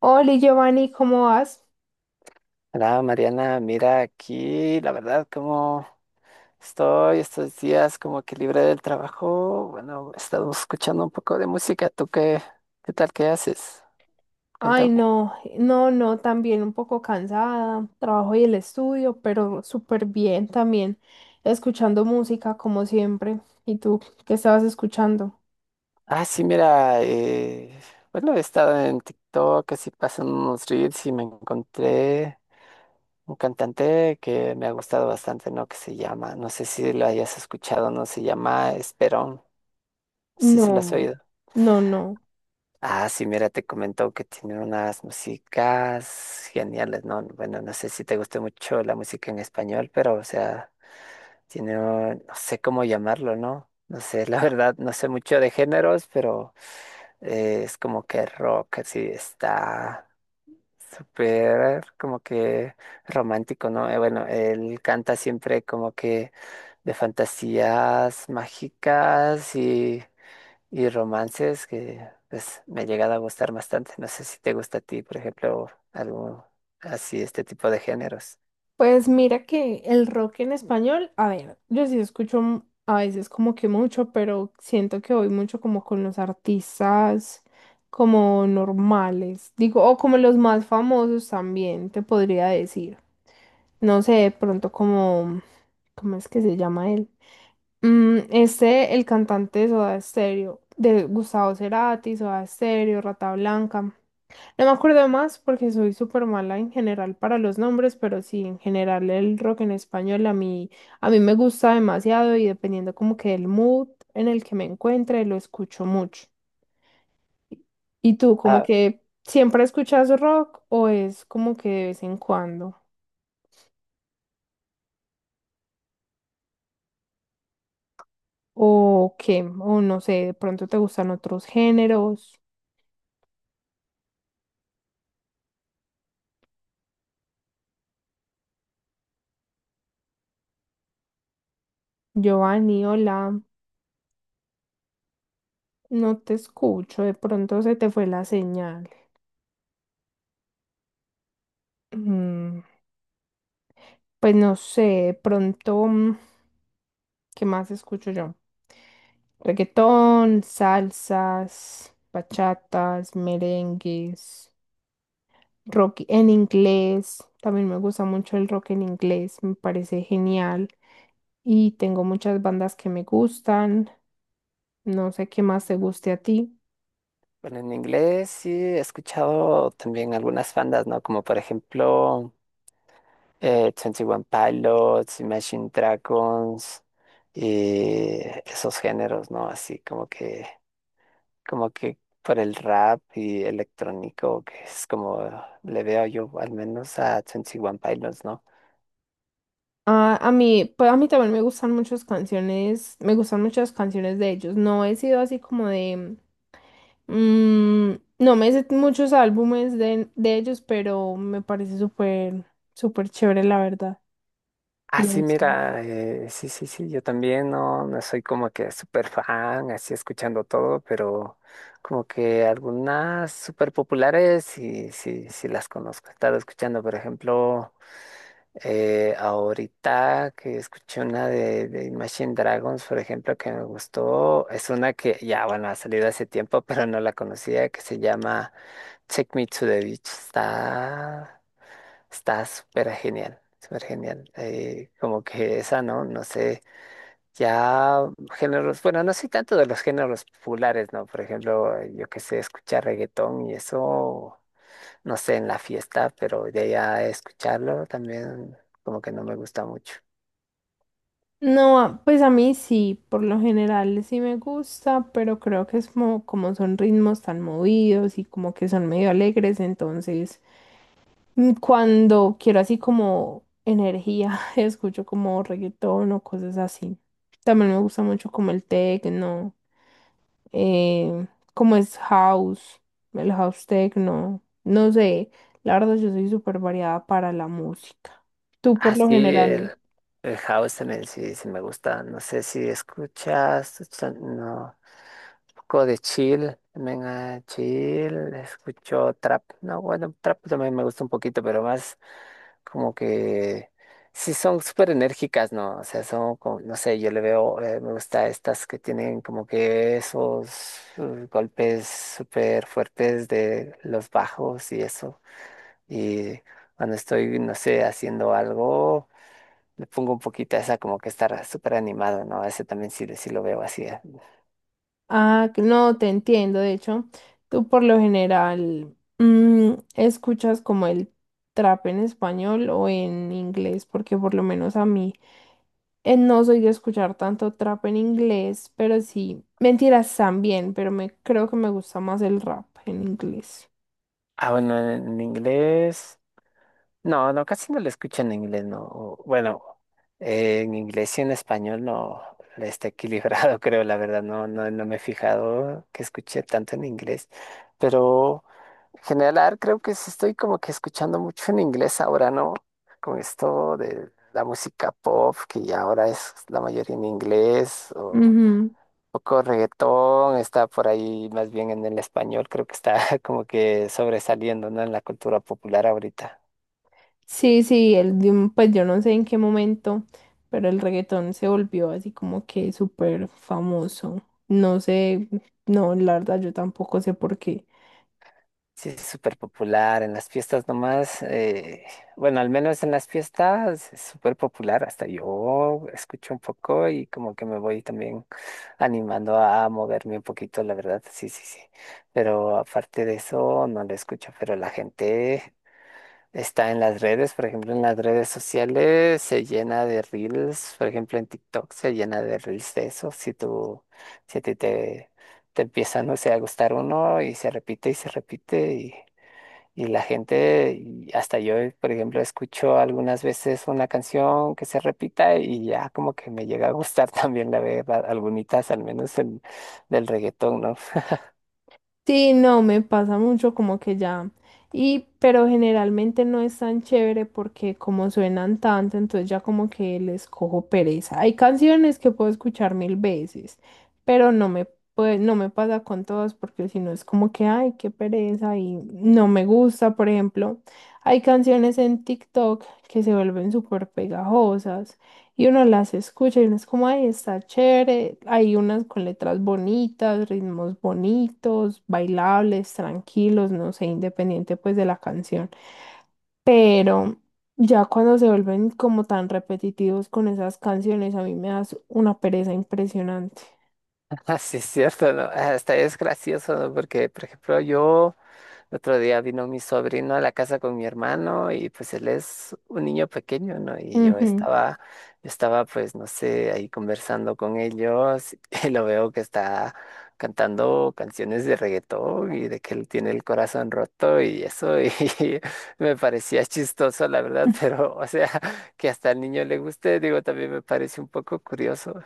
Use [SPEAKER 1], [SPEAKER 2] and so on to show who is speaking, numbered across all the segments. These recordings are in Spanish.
[SPEAKER 1] Hola Giovanni, ¿cómo vas?
[SPEAKER 2] Hola Mariana, mira aquí, la verdad, como estoy estos días como que libre del trabajo, bueno, estamos escuchando un poco de música. ¿Tú qué, qué tal, qué haces?
[SPEAKER 1] Ay,
[SPEAKER 2] Cuéntame.
[SPEAKER 1] no, no, no, también un poco cansada, trabajo y el estudio, pero súper bien también, escuchando música como siempre. ¿Y tú qué estabas escuchando?
[SPEAKER 2] Ah, sí, mira, eh, bueno, he estado en TikTok, así pasan unos reels y me encontré un cantante que me ha gustado bastante, ¿no? Que se llama, no sé si lo hayas escuchado, no se llama Esperón, no sé si lo has
[SPEAKER 1] No,
[SPEAKER 2] oído.
[SPEAKER 1] no, no.
[SPEAKER 2] Ah, sí, mira, te comentó que tiene unas músicas geniales, ¿no? Bueno, no sé si te guste mucho la música en español, pero, o sea, tiene, no sé cómo llamarlo, ¿no? No sé, la verdad, no sé mucho de géneros, pero es como que rock, así está súper, como que romántico, ¿no? Bueno, él canta siempre como que de fantasías mágicas y romances que pues me he llegado a gustar bastante. No sé si te gusta a ti, por ejemplo, algo así, este tipo de géneros.
[SPEAKER 1] Pues mira que el rock en español, a ver, yo sí escucho a veces como que mucho, pero siento que voy mucho como con los artistas como normales, digo, o como los más famosos también, te podría decir. No sé, de pronto como, ¿cómo es que se llama él? Este, el cantante de Soda Stereo, de Gustavo Cerati, Soda Stereo, Rata Blanca. No me acuerdo más porque soy súper mala en general para los nombres, pero sí, en general el rock en español a mí me gusta demasiado y dependiendo como que del mood en el que me encuentre, lo escucho mucho. ¿Y tú, como
[SPEAKER 2] Ah,
[SPEAKER 1] que siempre escuchas rock o es como que de vez en cuando? ¿O qué? O no sé, de pronto te gustan otros géneros. Giovanni, hola, no te escucho, de pronto se te fue la señal. Mm, pues no sé, de pronto, ¿qué más escucho yo? Reggaetón, salsas, bachatas, merengues, rock en inglés. También me gusta mucho el rock en inglés, me parece genial. Y tengo muchas bandas que me gustan. No sé qué más te guste a ti.
[SPEAKER 2] bueno, en inglés sí he escuchado también algunas bandas, ¿no? Como por ejemplo twenty One Pilots, Imagine Dragons y esos géneros, ¿no? Así como que por el rap y electrónico, que es como le veo yo al menos a Twenty One Pilots, ¿no?
[SPEAKER 1] Ah, a mí, pues a mí también me gustan muchas canciones, me gustan muchas canciones de ellos. No he sido así como de, mm, no me sé muchos álbumes de ellos, pero me parece súper, súper chévere, la verdad.
[SPEAKER 2] Ah,
[SPEAKER 1] No
[SPEAKER 2] sí,
[SPEAKER 1] sé.
[SPEAKER 2] mira, sí, sí, sí, yo también no, no soy como que súper fan, así escuchando todo, pero como que algunas súper populares sí, sí, sí las conozco. He estado escuchando, por ejemplo, ahorita que escuché una de Imagine Dragons, por ejemplo, que me gustó. Es una que ya, bueno, ha salido hace tiempo, pero no la conocía, que se llama Take Me to the Beach, está, está súper genial, súper genial. Como que esa, ¿no? No sé, ya géneros, bueno, no soy tanto de los géneros populares, ¿no? Por ejemplo, yo que sé, escuchar reggaetón y eso, no sé, en la fiesta, pero de allá escucharlo también como que no me gusta mucho.
[SPEAKER 1] No, ah, pues a mí sí, por lo general sí me gusta, pero creo que es como, como son ritmos tan movidos y como que son medio alegres, entonces cuando quiero así como energía, escucho como reggaetón o cosas así. También me gusta mucho como el techno, eh, como es house, el house techno. No sé, la verdad yo soy súper variada para la música. Tú por lo
[SPEAKER 2] Así
[SPEAKER 1] general,
[SPEAKER 2] el house también sí, sí me gusta. No sé si escuchas, no. Poco de chill, venga, chill, escucho trap. No, bueno, trap también me gusta un poquito, pero más como que sí son súper enérgicas, ¿no? O sea, son como, no sé, yo le veo, me gusta estas que tienen como que esos golpes súper fuertes de los bajos y eso. Y cuando estoy, no sé, haciendo algo. Le pongo un poquito a esa como que está súper animado, ¿no? Ese también sí, sí lo veo así.
[SPEAKER 1] ah, que no, te entiendo, de hecho, tú por lo general escuchas como el trap en español o en inglés, porque por lo menos a mí... No soy de escuchar tanto trap en inglés, pero sí, mentiras también, pero me creo que me gusta más el rap en inglés.
[SPEAKER 2] Ah, bueno, en inglés. No, no, casi no lo escucho en inglés, no. O, bueno, en inglés y en español no le está equilibrado, creo, la verdad. No, no, no me he fijado que escuché tanto en inglés. Pero. General, a ver, creo que sí estoy como que escuchando mucho en inglés ahora, ¿no? Con esto de la música pop, que ya ahora es la mayoría en inglés, o
[SPEAKER 1] Ujú.
[SPEAKER 2] poco reggaetón, está por ahí más bien en el español, creo que está como que sobresaliendo, ¿no? En la cultura popular ahorita.
[SPEAKER 1] Sí, sí, el, pues yo no sé en qué momento, pero el reggaetón se volvió así como que súper famoso. No sé, no, la verdad yo tampoco sé por qué.
[SPEAKER 2] Sí, es súper popular, en las fiestas nomás, bueno, al menos en las fiestas es súper popular, hasta yo escucho un poco y como que me voy también animando a moverme un poquito, la verdad, sí, sí, sí. Pero aparte de eso, no lo escucho, pero la gente está en las redes, por ejemplo, en las redes sociales se llena de reels, por ejemplo, en TikTok se llena de reels de eso. Si tú, si a ti te empieza, no sé, a gustar uno y se repite y se repite y la gente, y hasta yo, por ejemplo, escucho algunas veces una canción que se repita y ya como que me llega a gustar también, la verdad, algunitas al menos del reggaetón, ¿no?
[SPEAKER 1] Sí, no, me pasa mucho como que ya. Y, pero generalmente no es tan chévere porque como suenan tanto, entonces ya como que les cojo pereza. Hay canciones que puedo escuchar mil veces, pero no me, pues, no me pasa con todas porque si no es como que, ay, qué pereza y no me gusta. Por ejemplo, hay canciones en TikTok que se vuelven súper pegajosas. Y uno las escucha y uno es como, ay, está chévere. Hay unas con letras bonitas, ritmos bonitos, bailables, tranquilos, no sé, independiente pues de la canción. Pero ya cuando se vuelven como tan repetitivos con esas canciones, a mí me das una pereza impresionante.
[SPEAKER 2] Así es cierto, ¿no? Hasta es gracioso, ¿no? Porque, por ejemplo, yo... El otro día vino mi sobrino a la casa con mi hermano y pues él es un niño pequeño, ¿no?
[SPEAKER 1] Ujú.
[SPEAKER 2] Yo estaba pues no sé, ahí conversando con ellos y lo veo que está cantando canciones de reggaetón y de que él tiene el corazón roto y eso y me parecía chistoso la verdad, pero o sea, que hasta al niño le guste, digo, también me parece un poco curioso.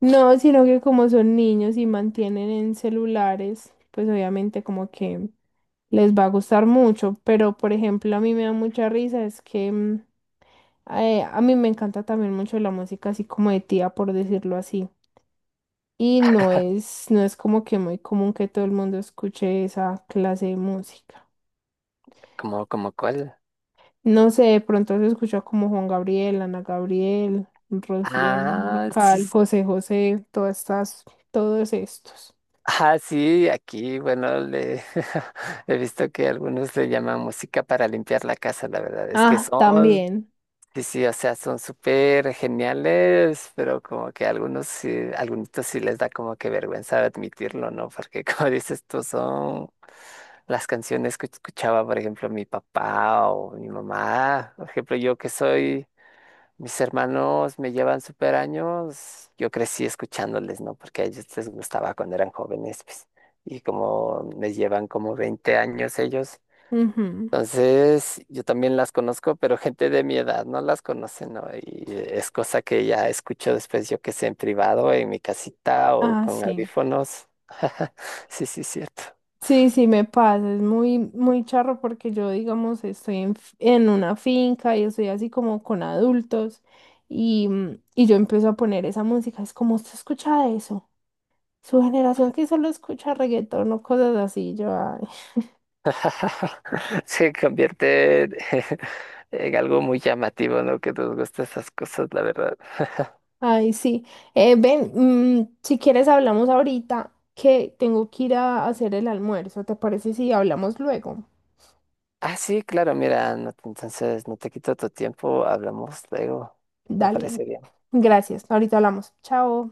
[SPEAKER 1] No, sino que como son niños y mantienen en celulares, pues obviamente como que les va a gustar mucho. Pero por ejemplo, a mí me da mucha risa es que... a mí me encanta también mucho la música así como de tía, por decirlo así. Y no es, no es como que muy común que todo el mundo escuche esa clase de música.
[SPEAKER 2] ¿Como, como cuál?
[SPEAKER 1] No sé, de pronto se escucha como Juan Gabriel, Ana Gabriel, Rocío
[SPEAKER 2] Ah, sí,
[SPEAKER 1] Dúrcal, José José, todas estas, todos estos.
[SPEAKER 2] ah, sí, aquí, bueno, le he visto que algunos le llaman música para limpiar la casa, la verdad es que
[SPEAKER 1] Ah,
[SPEAKER 2] son,
[SPEAKER 1] también.
[SPEAKER 2] sí, sí, o sea, son súper geniales, pero como que algunos sí les da como que vergüenza admitirlo, ¿no? Porque como dices tú, son las canciones que escuchaba, por ejemplo, mi papá o mi mamá, por ejemplo, yo que soy mis hermanos me llevan súper años. Yo crecí escuchándoles, ¿no? Porque a ellos les gustaba cuando eran jóvenes, pues. Y como me llevan como 20 años ellos.
[SPEAKER 1] Ujú.
[SPEAKER 2] Entonces, yo también las conozco, pero gente de mi edad no las conoce, ¿no? Y es cosa que ya escucho después, yo que sé, en privado, en mi casita o
[SPEAKER 1] Ah,
[SPEAKER 2] con
[SPEAKER 1] sí.
[SPEAKER 2] audífonos. Sí, sí, cierto.
[SPEAKER 1] Sí, sí, me pasa, es muy, muy charro porque yo, digamos, estoy en, en una finca y estoy así como con adultos y, y yo empiezo a poner esa música, es como, ¿usted escucha eso? Su generación que solo escucha reggaetón o cosas así, yo, ay,
[SPEAKER 2] Se convierte en en algo muy llamativo, ¿no? Que nos gustan esas cosas, la verdad.
[SPEAKER 1] ay, sí. Ven, si quieres hablamos ahorita que tengo que ir a hacer el almuerzo, ¿te parece si hablamos luego?
[SPEAKER 2] Ah, sí, claro, mira, no entonces no te quito tu tiempo, hablamos luego, me
[SPEAKER 1] Dale,
[SPEAKER 2] parecería.
[SPEAKER 1] gracias, ahorita hablamos, chao.